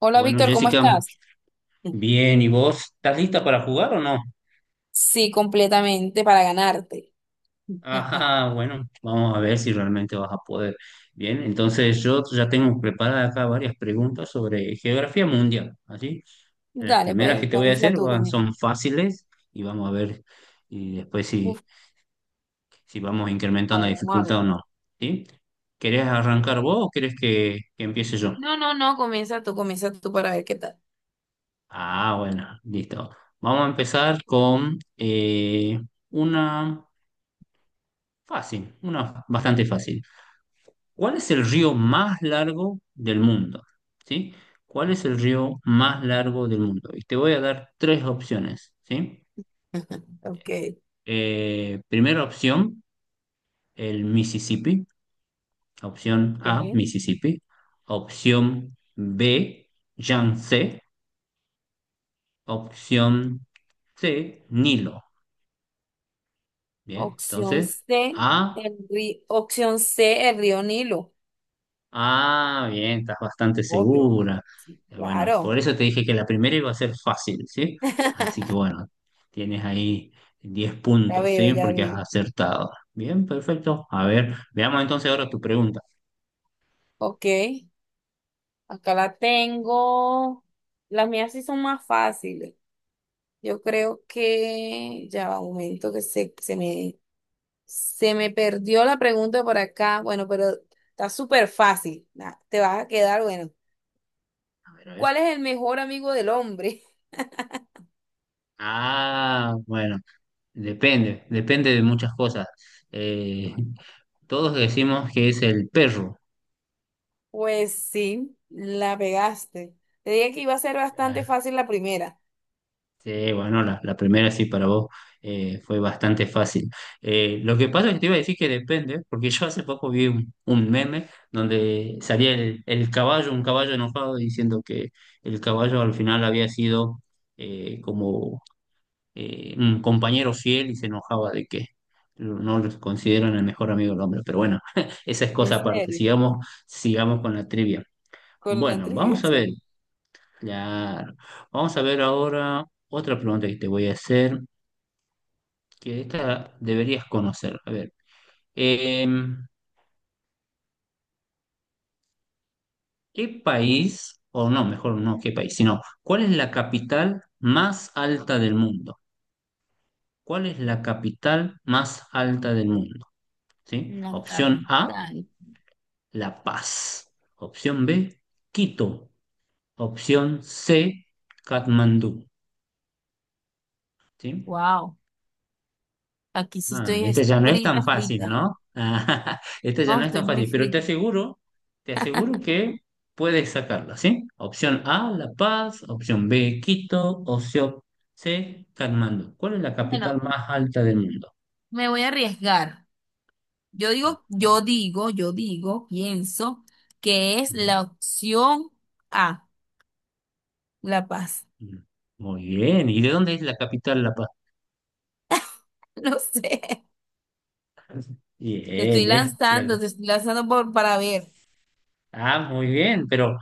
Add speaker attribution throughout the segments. Speaker 1: Hola
Speaker 2: Bueno,
Speaker 1: Víctor, ¿cómo
Speaker 2: Jessica,
Speaker 1: estás?
Speaker 2: bien, ¿y vos estás lista para jugar o no?
Speaker 1: Sí, completamente para ganarte.
Speaker 2: Ajá, bueno, vamos a ver si realmente vas a poder. Bien, entonces yo ya tengo preparadas acá varias preguntas sobre geografía mundial, ¿así? Las
Speaker 1: Dale,
Speaker 2: primeras
Speaker 1: pues
Speaker 2: que te voy a
Speaker 1: comienza
Speaker 2: hacer
Speaker 1: tú, comienza.
Speaker 2: son fáciles y vamos a ver y después
Speaker 1: Uf,
Speaker 2: si vamos
Speaker 1: a
Speaker 2: incrementando la
Speaker 1: ver, vamos a
Speaker 2: dificultad
Speaker 1: ver.
Speaker 2: o no, ¿sí? ¿Querés arrancar vos o querés que empiece yo?
Speaker 1: No, no, no, comienza tú para ver qué tal.
Speaker 2: Ah, bueno, listo. Vamos a empezar con una... fácil, una bastante fácil. ¿Cuál es el río más largo del mundo? ¿Sí? ¿Cuál es el río más largo del mundo? Y te voy a dar tres opciones, ¿sí?
Speaker 1: Ok.
Speaker 2: Primera opción, el Mississippi. Opción A,
Speaker 1: Ok.
Speaker 2: Mississippi. Opción B, Yangtze. Opción C, Nilo. Bien,
Speaker 1: Opción
Speaker 2: entonces
Speaker 1: C,
Speaker 2: A.
Speaker 1: el río, opción C, el río Nilo.
Speaker 2: Ah, bien, estás bastante
Speaker 1: Obvio.
Speaker 2: segura.
Speaker 1: Sí,
Speaker 2: Bueno, por
Speaker 1: claro.
Speaker 2: eso te dije que la primera iba a ser fácil, ¿sí? Así que bueno, tienes ahí 10
Speaker 1: Ya
Speaker 2: puntos,
Speaker 1: veo,
Speaker 2: ¿sí?
Speaker 1: ya
Speaker 2: Porque has
Speaker 1: veo.
Speaker 2: acertado. Bien, perfecto. A ver, veamos entonces ahora tu pregunta.
Speaker 1: Ok, acá la tengo. Las mías sí son más fáciles. Yo creo que ya va un momento que se me perdió la pregunta por acá. Bueno, pero está súper fácil. Nah, te vas a quedar, bueno.
Speaker 2: A ver, a ver.
Speaker 1: ¿Cuál es el mejor amigo del hombre?
Speaker 2: Ah, bueno, depende, depende de muchas cosas. Eh, Todos decimos que es el perro.
Speaker 1: Pues sí, la pegaste. Te dije que iba a ser bastante
Speaker 2: Ah,
Speaker 1: fácil la primera.
Speaker 2: sí, bueno, la primera sí para vos fue bastante fácil. Lo que pasa es que te iba a decir que depende, porque yo hace poco vi un meme donde salía el caballo, un caballo enojado, diciendo que el caballo al final había sido como un compañero fiel y se enojaba de que no lo consideran el mejor amigo del hombre. Pero bueno, esa es
Speaker 1: En
Speaker 2: cosa aparte.
Speaker 1: serio,
Speaker 2: Sigamos, sigamos con la trivia.
Speaker 1: con la
Speaker 2: Bueno,
Speaker 1: trivia,
Speaker 2: vamos
Speaker 1: o
Speaker 2: a
Speaker 1: sea.
Speaker 2: ver. Claro. Vamos a ver ahora otra pregunta que te voy a hacer, que esta deberías conocer. A ver, em, ¿qué país, o no, mejor no qué país, sino cuál es la capital más alta del mundo? ¿Cuál es la capital más alta del mundo? ¿Sí?
Speaker 1: En la
Speaker 2: Opción A,
Speaker 1: capital.
Speaker 2: La Paz. Opción B, Quito. Opción C, Katmandú. ¿Sí?
Speaker 1: Wow. Aquí sí
Speaker 2: Ah,
Speaker 1: estoy
Speaker 2: este
Speaker 1: es
Speaker 2: ya no es tan
Speaker 1: frita,
Speaker 2: fácil,
Speaker 1: frita.
Speaker 2: ¿no? Ah, este ya
Speaker 1: Oh,
Speaker 2: no es
Speaker 1: estoy
Speaker 2: tan
Speaker 1: muy
Speaker 2: fácil, pero
Speaker 1: frita.
Speaker 2: te aseguro que puedes sacarla, ¿sí? Opción A, La Paz, opción B, Quito, opción C, Katmandú. ¿Cuál es la capital
Speaker 1: Bueno,
Speaker 2: más alta del mundo?
Speaker 1: me voy a arriesgar. Yo
Speaker 2: A
Speaker 1: digo,
Speaker 2: ver.
Speaker 1: yo digo, yo digo, pienso que es
Speaker 2: Mm,
Speaker 1: la opción A, La Paz.
Speaker 2: mm. Muy bien, ¿y de dónde es la capital La Paz?
Speaker 1: No sé.
Speaker 2: Bien, es la...
Speaker 1: Te estoy lanzando por, para ver.
Speaker 2: Ah, muy bien, pero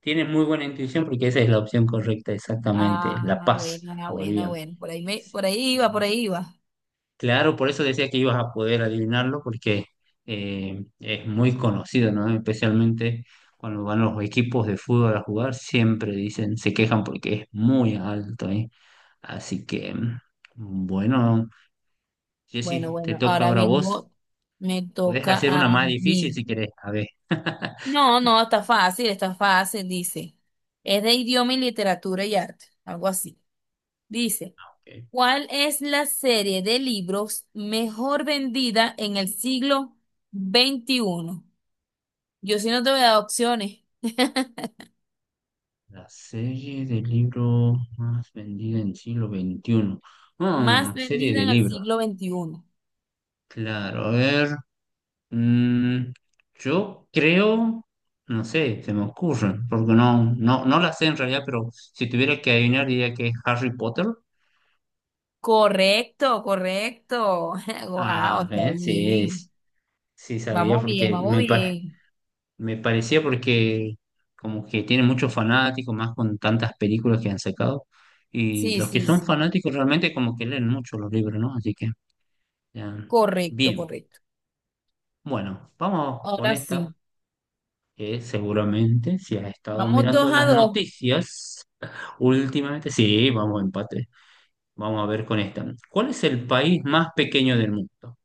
Speaker 2: tienes muy buena intuición porque esa es la opción correcta, exactamente, La
Speaker 1: Ah,
Speaker 2: Paz,
Speaker 1: bueno, ah, bueno,
Speaker 2: Bolivia.
Speaker 1: bueno. Por ahí me, por ahí iba, por ahí iba.
Speaker 2: Claro, por eso decía que ibas a poder adivinarlo, porque es muy conocido, ¿no? Especialmente cuando van los equipos de fútbol a jugar, siempre dicen, se quejan porque es muy alto, ¿eh? Así que, bueno,
Speaker 1: Bueno,
Speaker 2: Jessy, te
Speaker 1: bueno,
Speaker 2: toca
Speaker 1: ahora
Speaker 2: ahora a vos.
Speaker 1: mismo me
Speaker 2: Puedes
Speaker 1: toca
Speaker 2: hacer una
Speaker 1: a
Speaker 2: más difícil
Speaker 1: mí.
Speaker 2: si querés. A ver,
Speaker 1: No, no, está fácil, dice. Es de idioma y literatura y arte, algo así. Dice,
Speaker 2: ok.
Speaker 1: ¿cuál es la serie de libros mejor vendida en el siglo XXI? Yo sí no te voy a dar opciones.
Speaker 2: La serie de libros más vendida en siglo XXI.
Speaker 1: Más
Speaker 2: Ah, serie
Speaker 1: vendida
Speaker 2: de
Speaker 1: en el
Speaker 2: libros.
Speaker 1: siglo veintiuno.
Speaker 2: Claro, a ver. Mm, yo creo, no sé, se me ocurre, porque no, no, no la sé en realidad, pero si tuviera que adivinar diría que es Harry Potter.
Speaker 1: Correcto, correcto. Wow,
Speaker 2: Ah,
Speaker 1: está
Speaker 2: ¿ves? Sí,
Speaker 1: bien.
Speaker 2: sí sabía
Speaker 1: Vamos bien,
Speaker 2: porque
Speaker 1: vamos bien.
Speaker 2: me parecía porque como que tiene muchos fanáticos, más con tantas películas que han sacado. Y
Speaker 1: Sí,
Speaker 2: los que
Speaker 1: sí,
Speaker 2: son
Speaker 1: sí.
Speaker 2: fanáticos realmente como que leen mucho los libros, ¿no? Así que, ya.
Speaker 1: Correcto,
Speaker 2: Bien,
Speaker 1: correcto.
Speaker 2: bueno, vamos con
Speaker 1: Ahora
Speaker 2: esta,
Speaker 1: sí.
Speaker 2: que seguramente si has estado
Speaker 1: Vamos
Speaker 2: mirando
Speaker 1: dos a
Speaker 2: las
Speaker 1: dos.
Speaker 2: noticias. Últimamente, sí, vamos a empate. Vamos a ver con esta. ¿Cuál es el país más pequeño del mundo?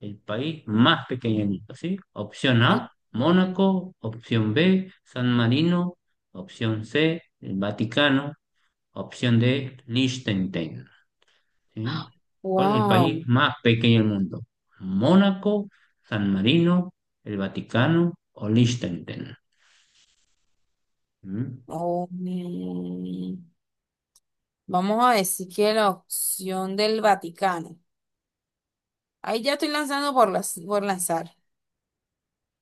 Speaker 2: El país más pequeño del mundo, ¿sí? Opción A, Mónaco. Opción B, San Marino. Opción C, el Vaticano. Opción D, Liechtenstein. ¿Sí? ¿Cuál es el país
Speaker 1: Wow.
Speaker 2: más pequeño del mundo? ¿Mónaco, San Marino, el Vaticano o Liechtenstein? ¿Mm?
Speaker 1: Oh, man. Vamos a decir que la opción del Vaticano. Ahí ya estoy lanzando por, las, por lanzar.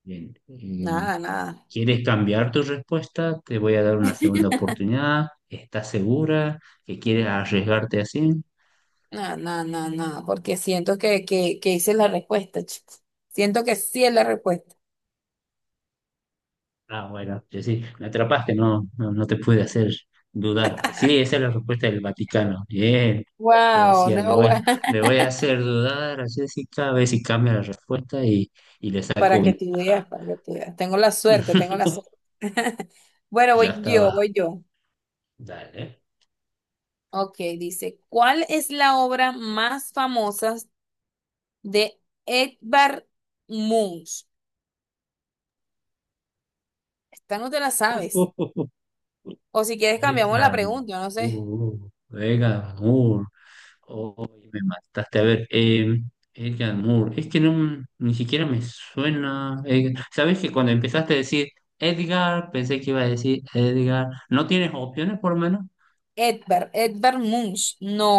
Speaker 2: Bien.
Speaker 1: Nada, nada.
Speaker 2: ¿Quieres cambiar tu respuesta? Te voy a dar una segunda oportunidad. ¿Estás segura que quieres arriesgarte así?
Speaker 1: Nada, nada, nada, nada. Porque siento que hice la respuesta, chicos. Siento que sí es la respuesta.
Speaker 2: Ah, bueno, yo sí, me atrapaste, no, no, no te pude hacer dudar. Sí, esa es la respuesta del Vaticano. Bien. Yo
Speaker 1: Wow,
Speaker 2: decía,
Speaker 1: no, guau.
Speaker 2: le voy a hacer dudar a Jessica, a ver si cambia la respuesta y le saco
Speaker 1: Para que
Speaker 2: ventaja.
Speaker 1: tú veas, para que tú veas. Tengo la suerte, tengo la suerte. Bueno,
Speaker 2: Ya
Speaker 1: voy yo,
Speaker 2: estaba.
Speaker 1: voy yo.
Speaker 2: Dale.
Speaker 1: Ok, dice, ¿cuál es la obra más famosa de Edvard Munch? Esta no te la sabes. O si quieres cambiamos la
Speaker 2: Beckham.
Speaker 1: pregunta, no sé.
Speaker 2: Beckham. Oh, me mataste. A ver, Edgar Moore. Es que no, ni siquiera me suena. ¿Sabes que cuando empezaste a decir Edgar, pensé que iba a decir Edgar? ¿No tienes opciones por lo menos?
Speaker 1: Edvard, Edvard Munch. No,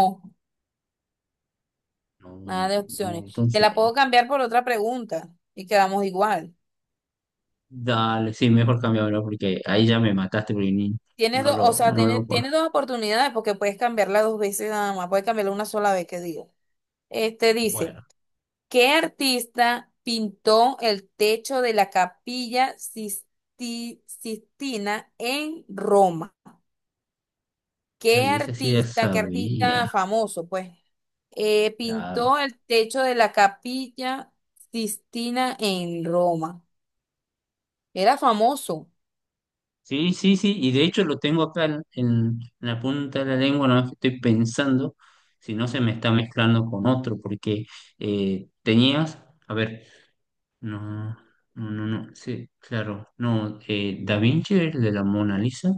Speaker 1: nada
Speaker 2: No,
Speaker 1: de
Speaker 2: pues no.
Speaker 1: opciones. Te
Speaker 2: Entonces,
Speaker 1: la puedo cambiar por otra pregunta y quedamos igual.
Speaker 2: dale, sí, mejor cambiarlo porque ahí ya me mataste porque
Speaker 1: Tienes
Speaker 2: no
Speaker 1: dos, o
Speaker 2: lo,
Speaker 1: sea,
Speaker 2: no lo
Speaker 1: tienes, tienes
Speaker 2: conozco.
Speaker 1: dos oportunidades porque puedes cambiarla dos veces nada más. Puedes cambiarla una sola vez, que digo. Este dice,
Speaker 2: Bueno,
Speaker 1: ¿qué artista pintó el techo de la Capilla Sistina en Roma?
Speaker 2: ahí ese sí ya
Speaker 1: Qué
Speaker 2: sabía.
Speaker 1: artista famoso, pues,
Speaker 2: Claro.
Speaker 1: pintó el techo de la Capilla Sistina en Roma? Era famoso.
Speaker 2: Sí, sí, sí, y de hecho lo tengo acá en la punta de la lengua, no que estoy pensando si no se me está mezclando con otro, porque tenías, a ver, no, no, no, no, sí, claro, no, Da Vinci es el de la Mona Lisa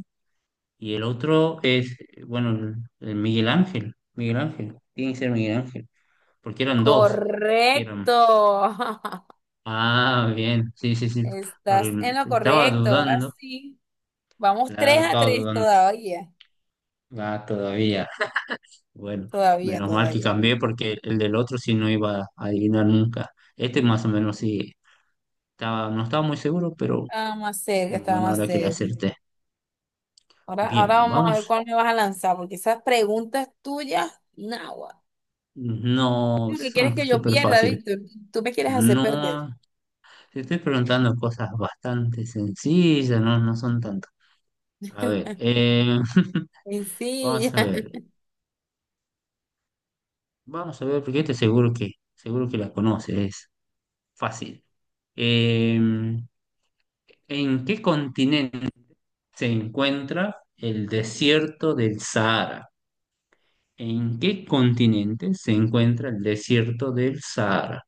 Speaker 2: y el otro es, bueno, el Miguel Ángel, Miguel Ángel, tiene que ser Miguel Ángel, porque eran dos, que eran,
Speaker 1: Correcto.
Speaker 2: ah, bien, sí, sí, sí,
Speaker 1: Estás
Speaker 2: porque
Speaker 1: en lo
Speaker 2: estaba
Speaker 1: correcto. Ahora
Speaker 2: dudando,
Speaker 1: sí. Vamos tres
Speaker 2: claro,
Speaker 1: a
Speaker 2: estaba
Speaker 1: tres
Speaker 2: dudando,
Speaker 1: todavía.
Speaker 2: va todavía. Bueno,
Speaker 1: Todavía,
Speaker 2: menos mal que
Speaker 1: todavía.
Speaker 2: cambié porque el del otro sí no iba a adivinar nunca. Este más o menos sí estaba, no estaba muy seguro, pero
Speaker 1: Estaba más cerca,
Speaker 2: en
Speaker 1: estaba
Speaker 2: buena
Speaker 1: más
Speaker 2: hora que le
Speaker 1: cerca.
Speaker 2: acerté.
Speaker 1: Ahora, ahora
Speaker 2: Bien,
Speaker 1: vamos a
Speaker 2: vamos.
Speaker 1: ver cuál me vas a lanzar, porque esas preguntas tuyas, nagua.
Speaker 2: No,
Speaker 1: Lo que
Speaker 2: son
Speaker 1: quieres que yo
Speaker 2: súper
Speaker 1: pierda,
Speaker 2: fáciles.
Speaker 1: Víctor. Tú me quieres hacer perder.
Speaker 2: No, te estoy preguntando cosas bastante sencillas, no, no son tantas. A ver,
Speaker 1: Y sí,
Speaker 2: vamos a
Speaker 1: ya.
Speaker 2: ver, vamos a ver, porque este seguro que la conoces, es fácil. Em, ¿En qué continente? Se encuentra el desierto del Sahara? ¿En qué continente se encuentra el desierto del Sahara?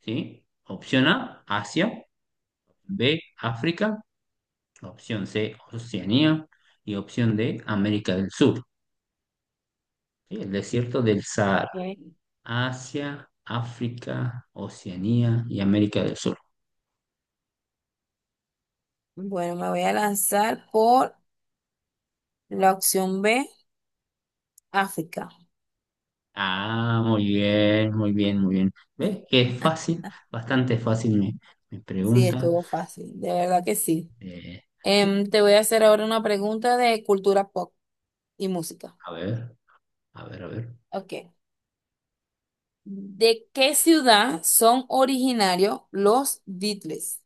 Speaker 2: ¿Sí? Opción A, Asia, B, África, opción C, Oceanía y opción D, América del Sur. ¿Sí? El desierto del Sahara,
Speaker 1: Ok.
Speaker 2: Asia, África, Oceanía y América del Sur.
Speaker 1: Bueno, me voy a lanzar por la opción B, África.
Speaker 2: Ah, muy bien, muy bien, muy bien. ¿Ves? Que es fácil, bastante fácil mi
Speaker 1: Sí,
Speaker 2: pregunta.
Speaker 1: estuvo fácil, de verdad que sí.
Speaker 2: Eh,
Speaker 1: Em, te voy a hacer ahora una pregunta de cultura pop y música.
Speaker 2: A ver, a ver, a ver.
Speaker 1: Ok. ¿De qué ciudad son originarios los Beatles?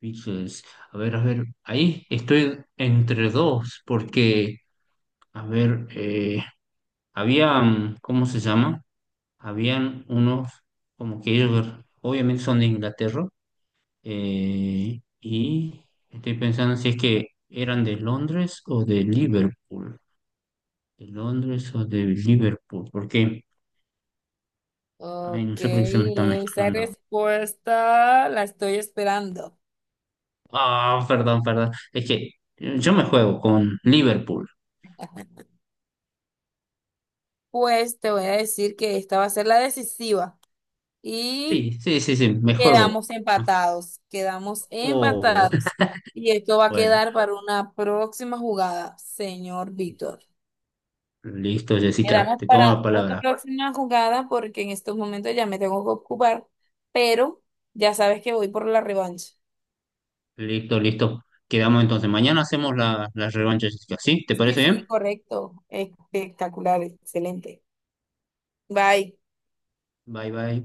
Speaker 2: Pixels. A ver, a ver. Ahí estoy entre dos, porque, a ver, habían, ¿cómo se llama? Habían unos, como que ellos, obviamente son de Inglaterra, y estoy pensando si es que eran de Londres o de Liverpool. De Londres o de Liverpool, porque, ay,
Speaker 1: Ok,
Speaker 2: no sé por qué se me está
Speaker 1: esa
Speaker 2: mezclando.
Speaker 1: respuesta la estoy esperando.
Speaker 2: Ah, perdón, perdón. Es que yo me juego con Liverpool.
Speaker 1: Pues te voy a decir que esta va a ser la decisiva. Y
Speaker 2: Sí, sí, sí, sí, me juego.
Speaker 1: quedamos
Speaker 2: Me
Speaker 1: empatados, quedamos
Speaker 2: juego.
Speaker 1: empatados. Y esto va a
Speaker 2: Bueno,
Speaker 1: quedar para una próxima jugada, señor Víctor.
Speaker 2: listo, Jessica,
Speaker 1: Quedamos
Speaker 2: te tomo la
Speaker 1: para una
Speaker 2: palabra.
Speaker 1: próxima jugada porque en estos momentos ya me tengo que ocupar, pero ya sabes que voy por la revancha.
Speaker 2: Listo, listo. Quedamos entonces. Mañana hacemos la revancha, Jessica. ¿Sí? ¿Te
Speaker 1: Sí,
Speaker 2: parece bien?
Speaker 1: sí, correcto. Espectacular, excelente. Bye.
Speaker 2: Bye, bye.